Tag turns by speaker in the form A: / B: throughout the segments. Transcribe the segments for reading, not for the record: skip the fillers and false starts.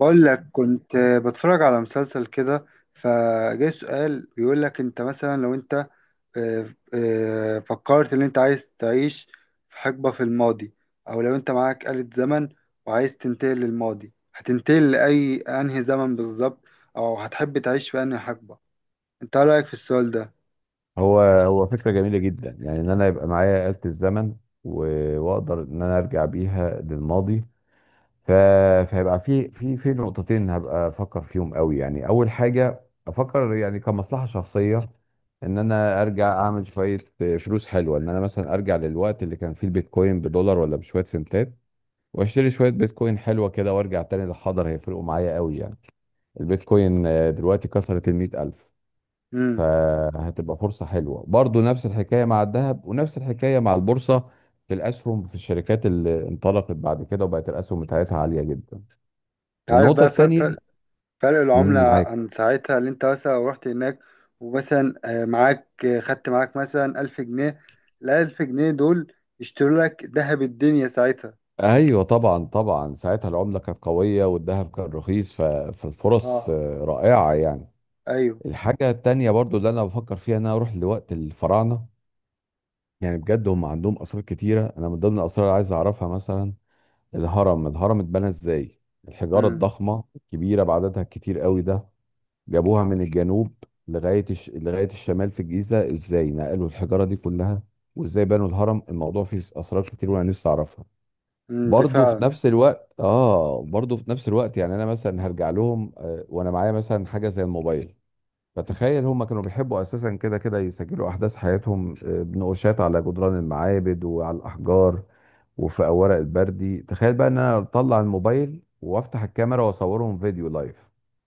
A: بقول لك كنت بتفرج على مسلسل كده. فجاي سؤال بيقول لك: انت مثلا، لو انت فكرت ان انت عايز تعيش في حقبة في الماضي، او لو انت معاك آلة زمن وعايز تنتقل للماضي، هتنتقل لأي انهي زمن بالظبط؟ او هتحب تعيش في انهي حقبة؟ انت ايه رأيك في السؤال ده؟
B: هو فكرة جميلة جدا، يعني ان انا يبقى معايا آلة الزمن واقدر ان انا ارجع بيها للماضي. ف... فهيبقى في نقطتين هبقى افكر فيهم قوي. يعني اول حاجة افكر، يعني كمصلحة شخصية، ان انا ارجع اعمل شوية فلوس حلوة، ان انا مثلا ارجع للوقت اللي كان فيه البيتكوين بدولار ولا بشوية سنتات واشتري شوية بيتكوين حلوة كده وارجع تاني للحاضر، هيفرقوا معايا قوي يعني. البيتكوين دلوقتي كسرت 100 ألف.
A: امم.
B: فهتبقى فرصة حلوة برضو، نفس الحكاية مع الذهب ونفس الحكاية مع البورصة، في الأسهم في الشركات اللي انطلقت بعد كده وبقت الأسهم بتاعتها عالية جدا.
A: عارف
B: النقطة
A: بقى
B: التانية.
A: فرق العملة
B: مم، معاك.
A: عن ساعتها؟ اللي انت مثلا لو رحت هناك، ومثلا آه، معاك آه، خدت معاك مثلا ألف جنيه، الألف جنيه دول يشتروا لك ذهب الدنيا ساعتها؟
B: أيوة طبعا طبعا، ساعتها العملة كانت قوية والذهب كان رخيص. فالفرص
A: اه.
B: رائعة يعني.
A: ايوه.
B: الحاجة التانية برضو اللي أنا بفكر فيها إن أنا أروح لوقت الفراعنة، يعني بجد هم عندهم أسرار كتيرة. أنا من ضمن الأسرار اللي عايز أعرفها مثلا الهرم اتبنى ازاي، الحجارة
A: امم.
B: الضخمة الكبيرة بعددها الكتير قوي ده جابوها من الجنوب لغاية الشمال في الجيزة. ازاي نقلوا الحجارة دي كلها وازاي بنوا الهرم؟ الموضوع فيه اسرار كتير وانا نفسي اعرفها.
A: دي فعلا.
B: برضه في نفس الوقت، يعني انا مثلا هرجع لهم وانا معايا مثلا حاجة زي الموبايل. فتخيل هم كانوا بيحبوا اساسا كده كده يسجلوا احداث حياتهم بنقوشات على جدران المعابد وعلى الاحجار وفي اوراق البردي. تخيل بقى ان انا اطلع الموبايل وافتح الكاميرا واصورهم فيديو لايف،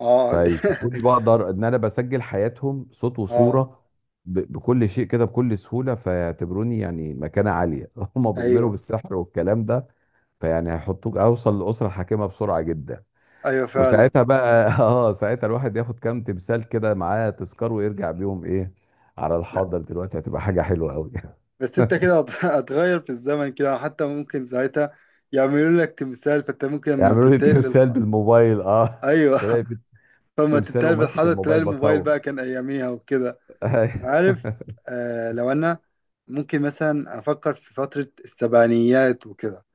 A: اه، دي
B: فيشوفوني بقدر ان انا بسجل حياتهم صوت
A: اه.
B: وصورة بكل شيء كده بكل سهولة، فيعتبروني يعني مكانة عالية. هم بيؤمنوا
A: ايوه،
B: بالسحر والكلام ده، فيعني هيحطوك اوصل لأسرة حاكمة بسرعة جدا.
A: ايوه، فعلا.
B: وساعتها بقى اه، ساعتها الواحد ياخد كام تمثال كده معاه تذكار ويرجع بيهم ايه على
A: لا،
B: الحاضر دلوقتي، هتبقى حاجة حلوة قوي.
A: بس انت كده هتغير في الزمن كده، حتى ممكن ساعتها يعملوا لك تمثال، فانت ممكن لما
B: يعملوا لي
A: تنتقل
B: تمثال بالموبايل، اه.
A: ايوه
B: تلاقي في
A: فما
B: تمثال
A: تنتقل
B: وماسك
A: بالحضر تلاقي
B: الموبايل
A: الموبايل
B: بصور.
A: بقى كان اياميها وكده. عارف، لو انا ممكن مثلا افكر في فترة السبعينيات وكده،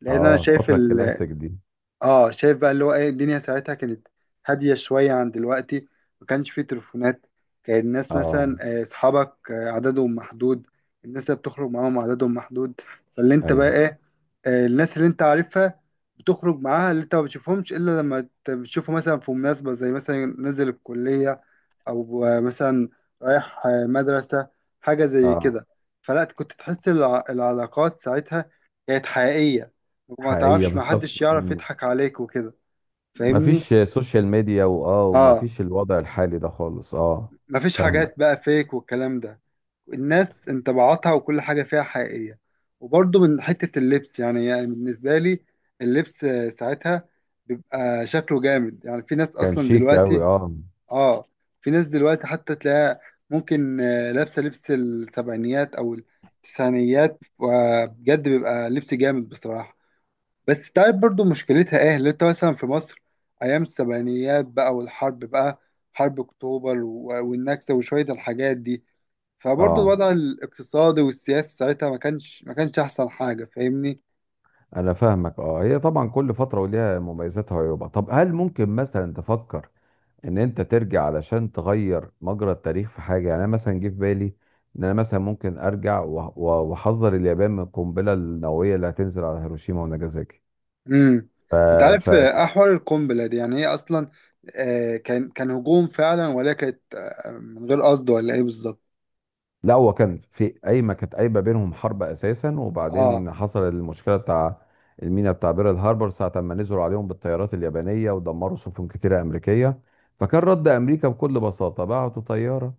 A: لان انا
B: اه، الفترة الكلاسيك دي.
A: شايف بقى اللي هو ايه الدنيا ساعتها. كانت هادية شوية عن دلوقتي، ما كانش فيه تليفونات، كان الناس
B: اه.
A: مثلا اصحابك عددهم محدود، الناس اللي بتخرج معاهم عددهم محدود، فاللي انت بقى
B: ايوه.
A: ايه، الناس اللي انت عارفها بتخرج معاها، اللي انت ما بتشوفهمش الا لما بتشوفه مثلا في مناسبة، زي مثلا نزل الكلية او مثلا رايح مدرسة، حاجة زي
B: اه.
A: كده. فلا كنت تحس العلاقات ساعتها كانت حقيقية، وما
B: حقيقية
A: تعرفش، ما
B: بالظبط،
A: حدش يعرف
B: مم.
A: يضحك عليك وكده، فاهمني.
B: مفيش سوشيال ميديا، واه،
A: اه.
B: ومفيش الوضع الحالي ده خالص، اه.
A: مفيش
B: فاهمة.
A: حاجات بقى فيك والكلام ده، الناس انطباعاتها وكل حاجة فيها حقيقية. وبرضه من حتة اللبس، يعني بالنسبة لي، اللبس ساعتها بيبقى شكله جامد. يعني في ناس
B: كان
A: أصلا
B: شيك
A: دلوقتي،
B: قوي، اه.
A: اه، في ناس دلوقتي حتى تلاقيها ممكن لابسة لبس السبعينيات أو التسعينيات، وبجد بيبقى لبس جامد بصراحة. بس تعرف برضو مشكلتها ايه، اللي انت مثلا في مصر ايام السبعينيات بقى والحرب بقى، حرب اكتوبر والنكسه وشويه الحاجات دي، فبرضو
B: اه.
A: الوضع الاقتصادي والسياسي ساعتها ما كانش احسن حاجه، فاهمني.
B: انا فاهمك، اه. هي طبعا كل فتره وليها مميزاتها وعيوبها. طب هل ممكن مثلا تفكر ان انت ترجع علشان تغير مجرى التاريخ في حاجه؟ يعني انا مثلا جه في بالي ان انا مثلا ممكن ارجع واحذر اليابان من القنبله النوويه اللي هتنزل على هيروشيما
A: امم. انت عارف
B: وناجازاكي.
A: احوال القنبله دي؟ يعني هي اصلا كان هجوم فعلا، ولا كانت من غير قصد، ولا ايه بالظبط؟
B: لا، هو كان في قايمه، كانت قايمه بينهم حرب اساسا،
A: اه.
B: وبعدين حصل المشكله بتاع المينا بتاع بيرل هاربر، ساعه ما نزلوا عليهم بالطيارات اليابانيه ودمروا سفن كتيره امريكيه. فكان رد امريكا بكل بساطه، بعتوا طياره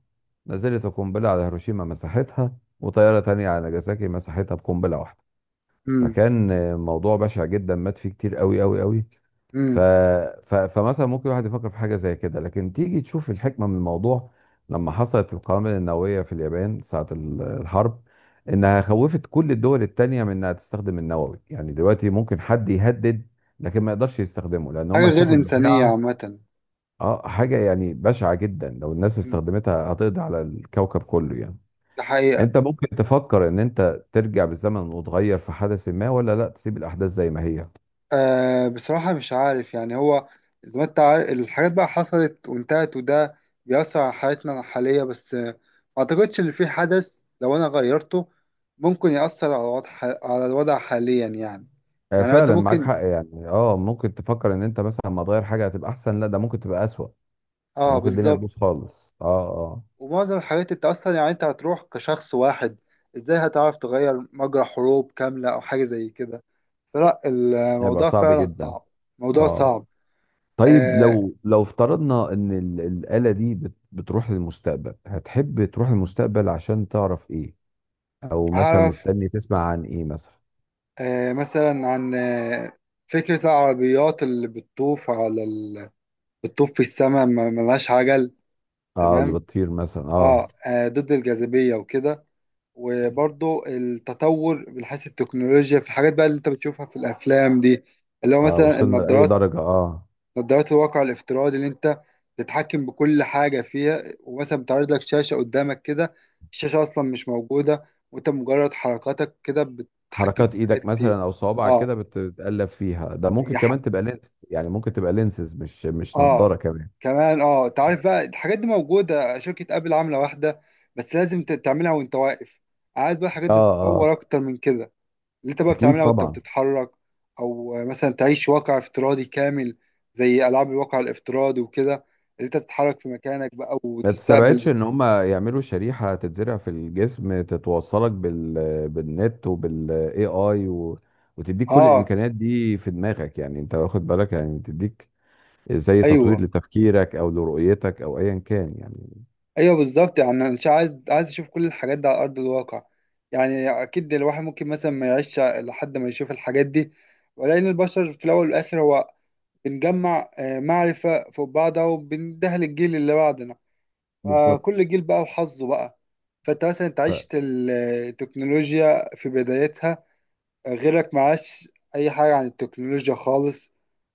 B: نزلت القنبله على هيروشيما مساحتها وطياره تانية على ناجازاكي مساحتها بقنبله واحده.
A: امم.
B: فكان موضوع بشع جدا، مات فيه كتير قوي قوي قوي. ف...
A: امم.
B: فمثلا ممكن الواحد يفكر في حاجة زي كده، لكن تيجي تشوف الحكمة من الموضوع لما حصلت القنابل النووية في اليابان ساعة الحرب، إنها خوفت كل الدول التانية من إنها تستخدم النووي. يعني دلوقتي ممكن حد يهدد لكن ما يقدرش يستخدمه لأن
A: حاجه
B: هم
A: غير
B: شافوا
A: انسانيه
B: البشاعة.
A: عامه.
B: اه، حاجة يعني بشعة جدا، لو الناس
A: امم.
B: استخدمتها هتقضي على الكوكب كله يعني.
A: ده حقيقه.
B: انت ممكن تفكر ان انت ترجع بالزمن وتغير في حدث ما، ولا لا، تسيب الاحداث زي ما هي؟
A: بصراحة مش عارف، يعني هو زي ما انت عارف الحاجات بقى حصلت وانتهت، وده بيأثر على حياتنا الحالية، بس ما أعتقدش إن في حدث لو أنا غيرته ممكن يأثر على الوضع حاليا يعني. يعني انت
B: فعلا معاك
A: ممكن.
B: حق يعني. اه، ممكن تفكر ان انت مثلا ما تغير حاجه هتبقى احسن، لا، ده ممكن تبقى اسوأ. يعني
A: اه،
B: ممكن الدنيا
A: بالظبط.
B: تبوظ خالص، اه اه.
A: ومعظم الحاجات انت اصلا، يعني انت هتروح كشخص واحد، ازاي هتعرف تغير مجرى حروب كاملة او حاجة زي كده؟ فلا،
B: يبقى
A: الموضوع
B: صعب
A: فعلا
B: جدا،
A: صعب، موضوع
B: اه.
A: صعب.
B: طيب
A: أه.
B: لو لو افترضنا ان الآلة دي بتروح للمستقبل، هتحب تروح للمستقبل عشان تعرف ايه؟ او مثلا
A: هعرف
B: مستني تسمع عن ايه مثلا؟
A: مثلا عن فكرة العربيات اللي بتطوف على بتطوف في السماء، ملهاش عجل.
B: اه، اللي
A: تمام.
B: بتطير مثلا،
A: اه.
B: اه.
A: ضد الجاذبية وكده. وبرضو التطور من حيث التكنولوجيا في الحاجات بقى اللي انت بتشوفها في الأفلام دي، اللي هو
B: اه،
A: مثلا
B: وصلنا لأي
A: النظارات،
B: درجة، اه.
A: نظارات الواقع الافتراضي اللي انت تتحكم بكل حاجة فيها، ومثلا بتعرض لك شاشة قدامك كده، الشاشة أصلا مش موجودة، وانت مجرد حركاتك كده بتتحكم
B: حركات
A: في حاجات
B: ايدك
A: كتير.
B: مثلا او صوابعك
A: اه.
B: كده بتتقلب فيها. ده ممكن كمان تبقى لينس، يعني ممكن تبقى لينسز، مش نضارة
A: اه.
B: كمان.
A: كمان انت عارف بقى الحاجات دي موجوده، شركه ابل عامله واحده، بس لازم تعملها وانت واقف. عايز بقى الحاجات
B: اه.
A: دي
B: اه.
A: تتطور اكتر من كده، اللي انت بقى
B: اكيد
A: بتعملها وانت
B: طبعا.
A: بتتحرك، او مثلا تعيش واقع افتراضي كامل، زي العاب الواقع الافتراضي وكده، اللي انت تتحرك في مكانك بقى
B: ما تستبعدش
A: وتستقبل.
B: ان هم يعملوا شريحه تتزرع في الجسم تتوصلك بال بالنت وبالاي اي وتديك كل
A: اه.
B: الامكانيات دي في دماغك، يعني انت واخد بالك، يعني تديك زي تطوير
A: ايوه.
B: لتفكيرك او لرؤيتك او ايا كان يعني.
A: ايوه، بالظبط. يعني انا مش عايز اشوف كل الحاجات دي على ارض الواقع. يعني اكيد الواحد ممكن مثلا ما يعيش لحد ما يشوف الحاجات دي، ولكن البشر في الاول والاخر هو بنجمع معرفة فوق بعضها وبندهل الجيل اللي بعدنا،
B: بالظبط.
A: فكل جيل بقى وحظه بقى. فانت مثلا انت
B: ف-
A: عشت التكنولوجيا في بدايتها، غيرك معاش اي حاجة عن التكنولوجيا خالص،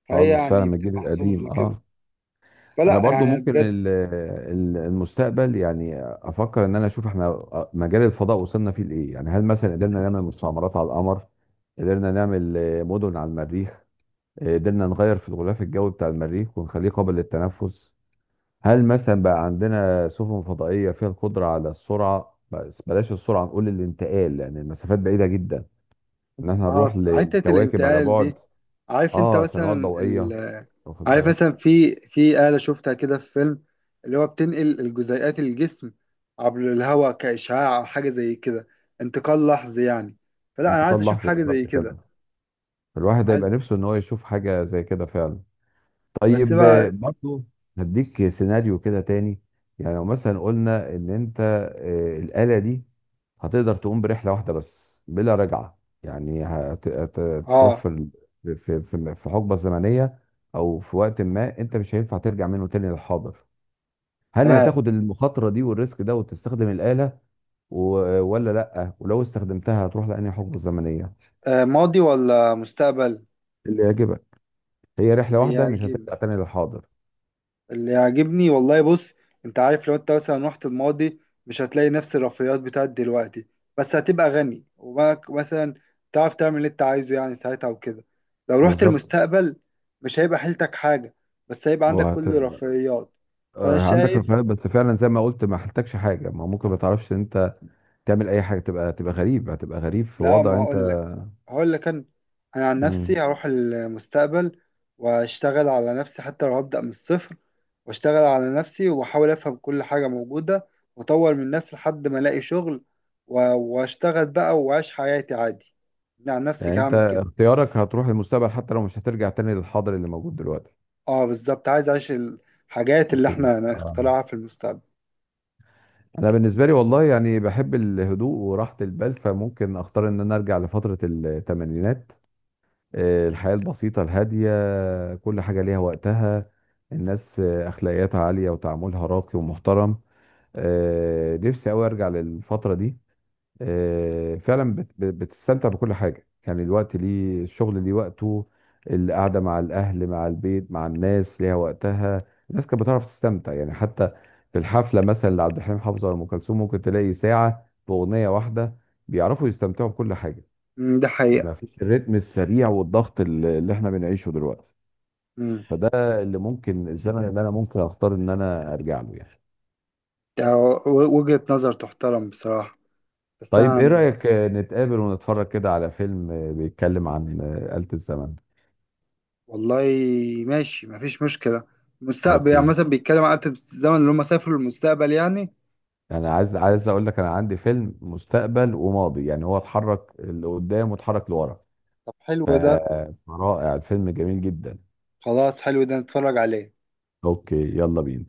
A: فهي
B: خالص فعلا،
A: يعني
B: من الجيل
A: بتبقى حظوظ
B: القديم،
A: وكده.
B: اه. انا
A: فلا
B: برضو
A: يعني أنا
B: ممكن
A: بجد.
B: المستقبل، يعني افكر ان انا اشوف احنا مجال الفضاء وصلنا فيه لايه. يعني هل مثلا قدرنا نعمل مستعمرات على القمر؟ قدرنا نعمل مدن على المريخ؟ قدرنا نغير في الغلاف الجوي بتاع المريخ ونخليه قابل للتنفس؟ هل مثلا بقى عندنا سفن فضائية فيها القدرة على السرعة، بس بلاش السرعة نقول الانتقال لان المسافات بعيدة جدا، ان احنا
A: اه،
B: نروح
A: في حتة
B: لكواكب على
A: الانتقال
B: بعد
A: دي، عارف انت
B: اه
A: مثلا
B: سنوات ضوئية، واخد
A: عارف
B: بالك؟
A: مثلا في آلة شفتها كده في فيلم، اللي هو بتنقل الجزيئات الجسم عبر الهواء كإشعاع أو حاجة زي كده، انتقال لحظي يعني، فلا أنا عايز
B: انتقال
A: أشوف
B: لحظي
A: حاجة زي
B: بالظبط
A: كده.
B: كده. الواحد هيبقى
A: عايز.
B: نفسه ان هو يشوف حاجه زي كده فعلا.
A: بس
B: طيب
A: بقى.
B: برضو هديك سيناريو كده تاني. يعني لو مثلا قلنا ان انت الاله دي هتقدر تقوم برحله واحده بس بلا رجعه، يعني هتروح
A: اه.
B: في في حقبه زمنيه، او في وقت ما انت مش هينفع ترجع منه تاني للحاضر. هل
A: تمام.
B: هتاخد المخاطره دي والريسك ده وتستخدم الاله ولا لا؟ ولو استخدمتها هتروح لانهي حقبه زمنيه؟
A: ماضي ولا مستقبل؟
B: اللي يعجبك. هي رحله
A: اللي
B: واحده مش
A: يعجب
B: هترجع تاني للحاضر.
A: اللي يعجبني والله. بص، انت عارف لو انت مثلا رحت الماضي، مش هتلاقي نفس الرفاهيات بتاعت دلوقتي، بس هتبقى غني، وبقى مثلا تعرف تعمل اللي انت عايزه يعني ساعتها وكده. لو رحت
B: بالظبط.
A: المستقبل، مش هيبقى حيلتك حاجة، بس هيبقى عندك
B: وهت...
A: كل الرفاهيات. فانا
B: عندك
A: شايف،
B: رفاهيات، بس فعلا زي ما قلت، ما حلتكش حاجه، ما ممكن ما تعرفش ان انت تعمل اي حاجه، تبقى غريب، هتبقى غريب في
A: لا، ما
B: وضع انت.
A: هقول، هقول لك انا عن
B: مم.
A: نفسي هروح المستقبل، واشتغل على نفسي حتى لو هبدأ من الصفر، واشتغل على نفسي واحاول افهم كل حاجة موجودة، واطور من نفسي لحد ما الاقي شغل، واشتغل بقى واعيش حياتي عادي. أنا عن نفسي
B: يعني
A: كده
B: انت
A: هعمل كده.
B: اختيارك هتروح للمستقبل حتى لو مش هترجع تاني للحاضر اللي موجود دلوقتي.
A: اه، بالظبط، عايز اعيش الحاجات اللي
B: في... ال-
A: احنا
B: آه.
A: نخترعها في المستقبل.
B: انا بالنسبه لي، والله، يعني بحب الهدوء وراحه البال، فممكن اختار ان انا ارجع لفتره الثمانينات. الحياه البسيطه الهاديه، كل حاجه ليها وقتها. الناس اخلاقياتها عاليه وتعاملها راقي ومحترم. نفسي قوي ارجع للفتره دي. فعلا بتستمتع بكل حاجه. يعني الوقت ليه، الشغل ليه وقته، القعده مع الاهل مع البيت مع الناس ليها وقتها. الناس كانت بتعرف تستمتع يعني، حتى في الحفله مثلا لعبد الحليم حافظ ولا ام كلثوم ممكن تلاقي ساعه باغنيه واحده، بيعرفوا يستمتعوا بكل حاجه.
A: أمم، ده
B: يعني ما
A: حقيقة.
B: فيش الريتم السريع والضغط اللي احنا بنعيشه دلوقتي.
A: أمم،
B: فده اللي ممكن الزمن اللي انا ممكن اختار ان انا ارجع له يعني.
A: ده وجهة نظر تحترم بصراحة. بس انا
B: طيب ايه
A: يعني
B: رأيك نتقابل ونتفرج كده على فيلم بيتكلم عن آلة الزمن؟
A: والله ماشي، مفيش مشكلة. مستقبل يعني
B: اوكي.
A: مثلا بيتكلم عن آلة الزمن، اللي هم سافروا للمستقبل يعني.
B: انا عايز اقول لك انا عندي فيلم مستقبل وماضي، يعني هو اتحرك لقدام واتحرك لورا.
A: طب حلو
B: ف-
A: ده.
B: فرائع، الفيلم جميل جدا.
A: خلاص، حلو ده، نتفرج عليه.
B: اوكي، يلا بينا.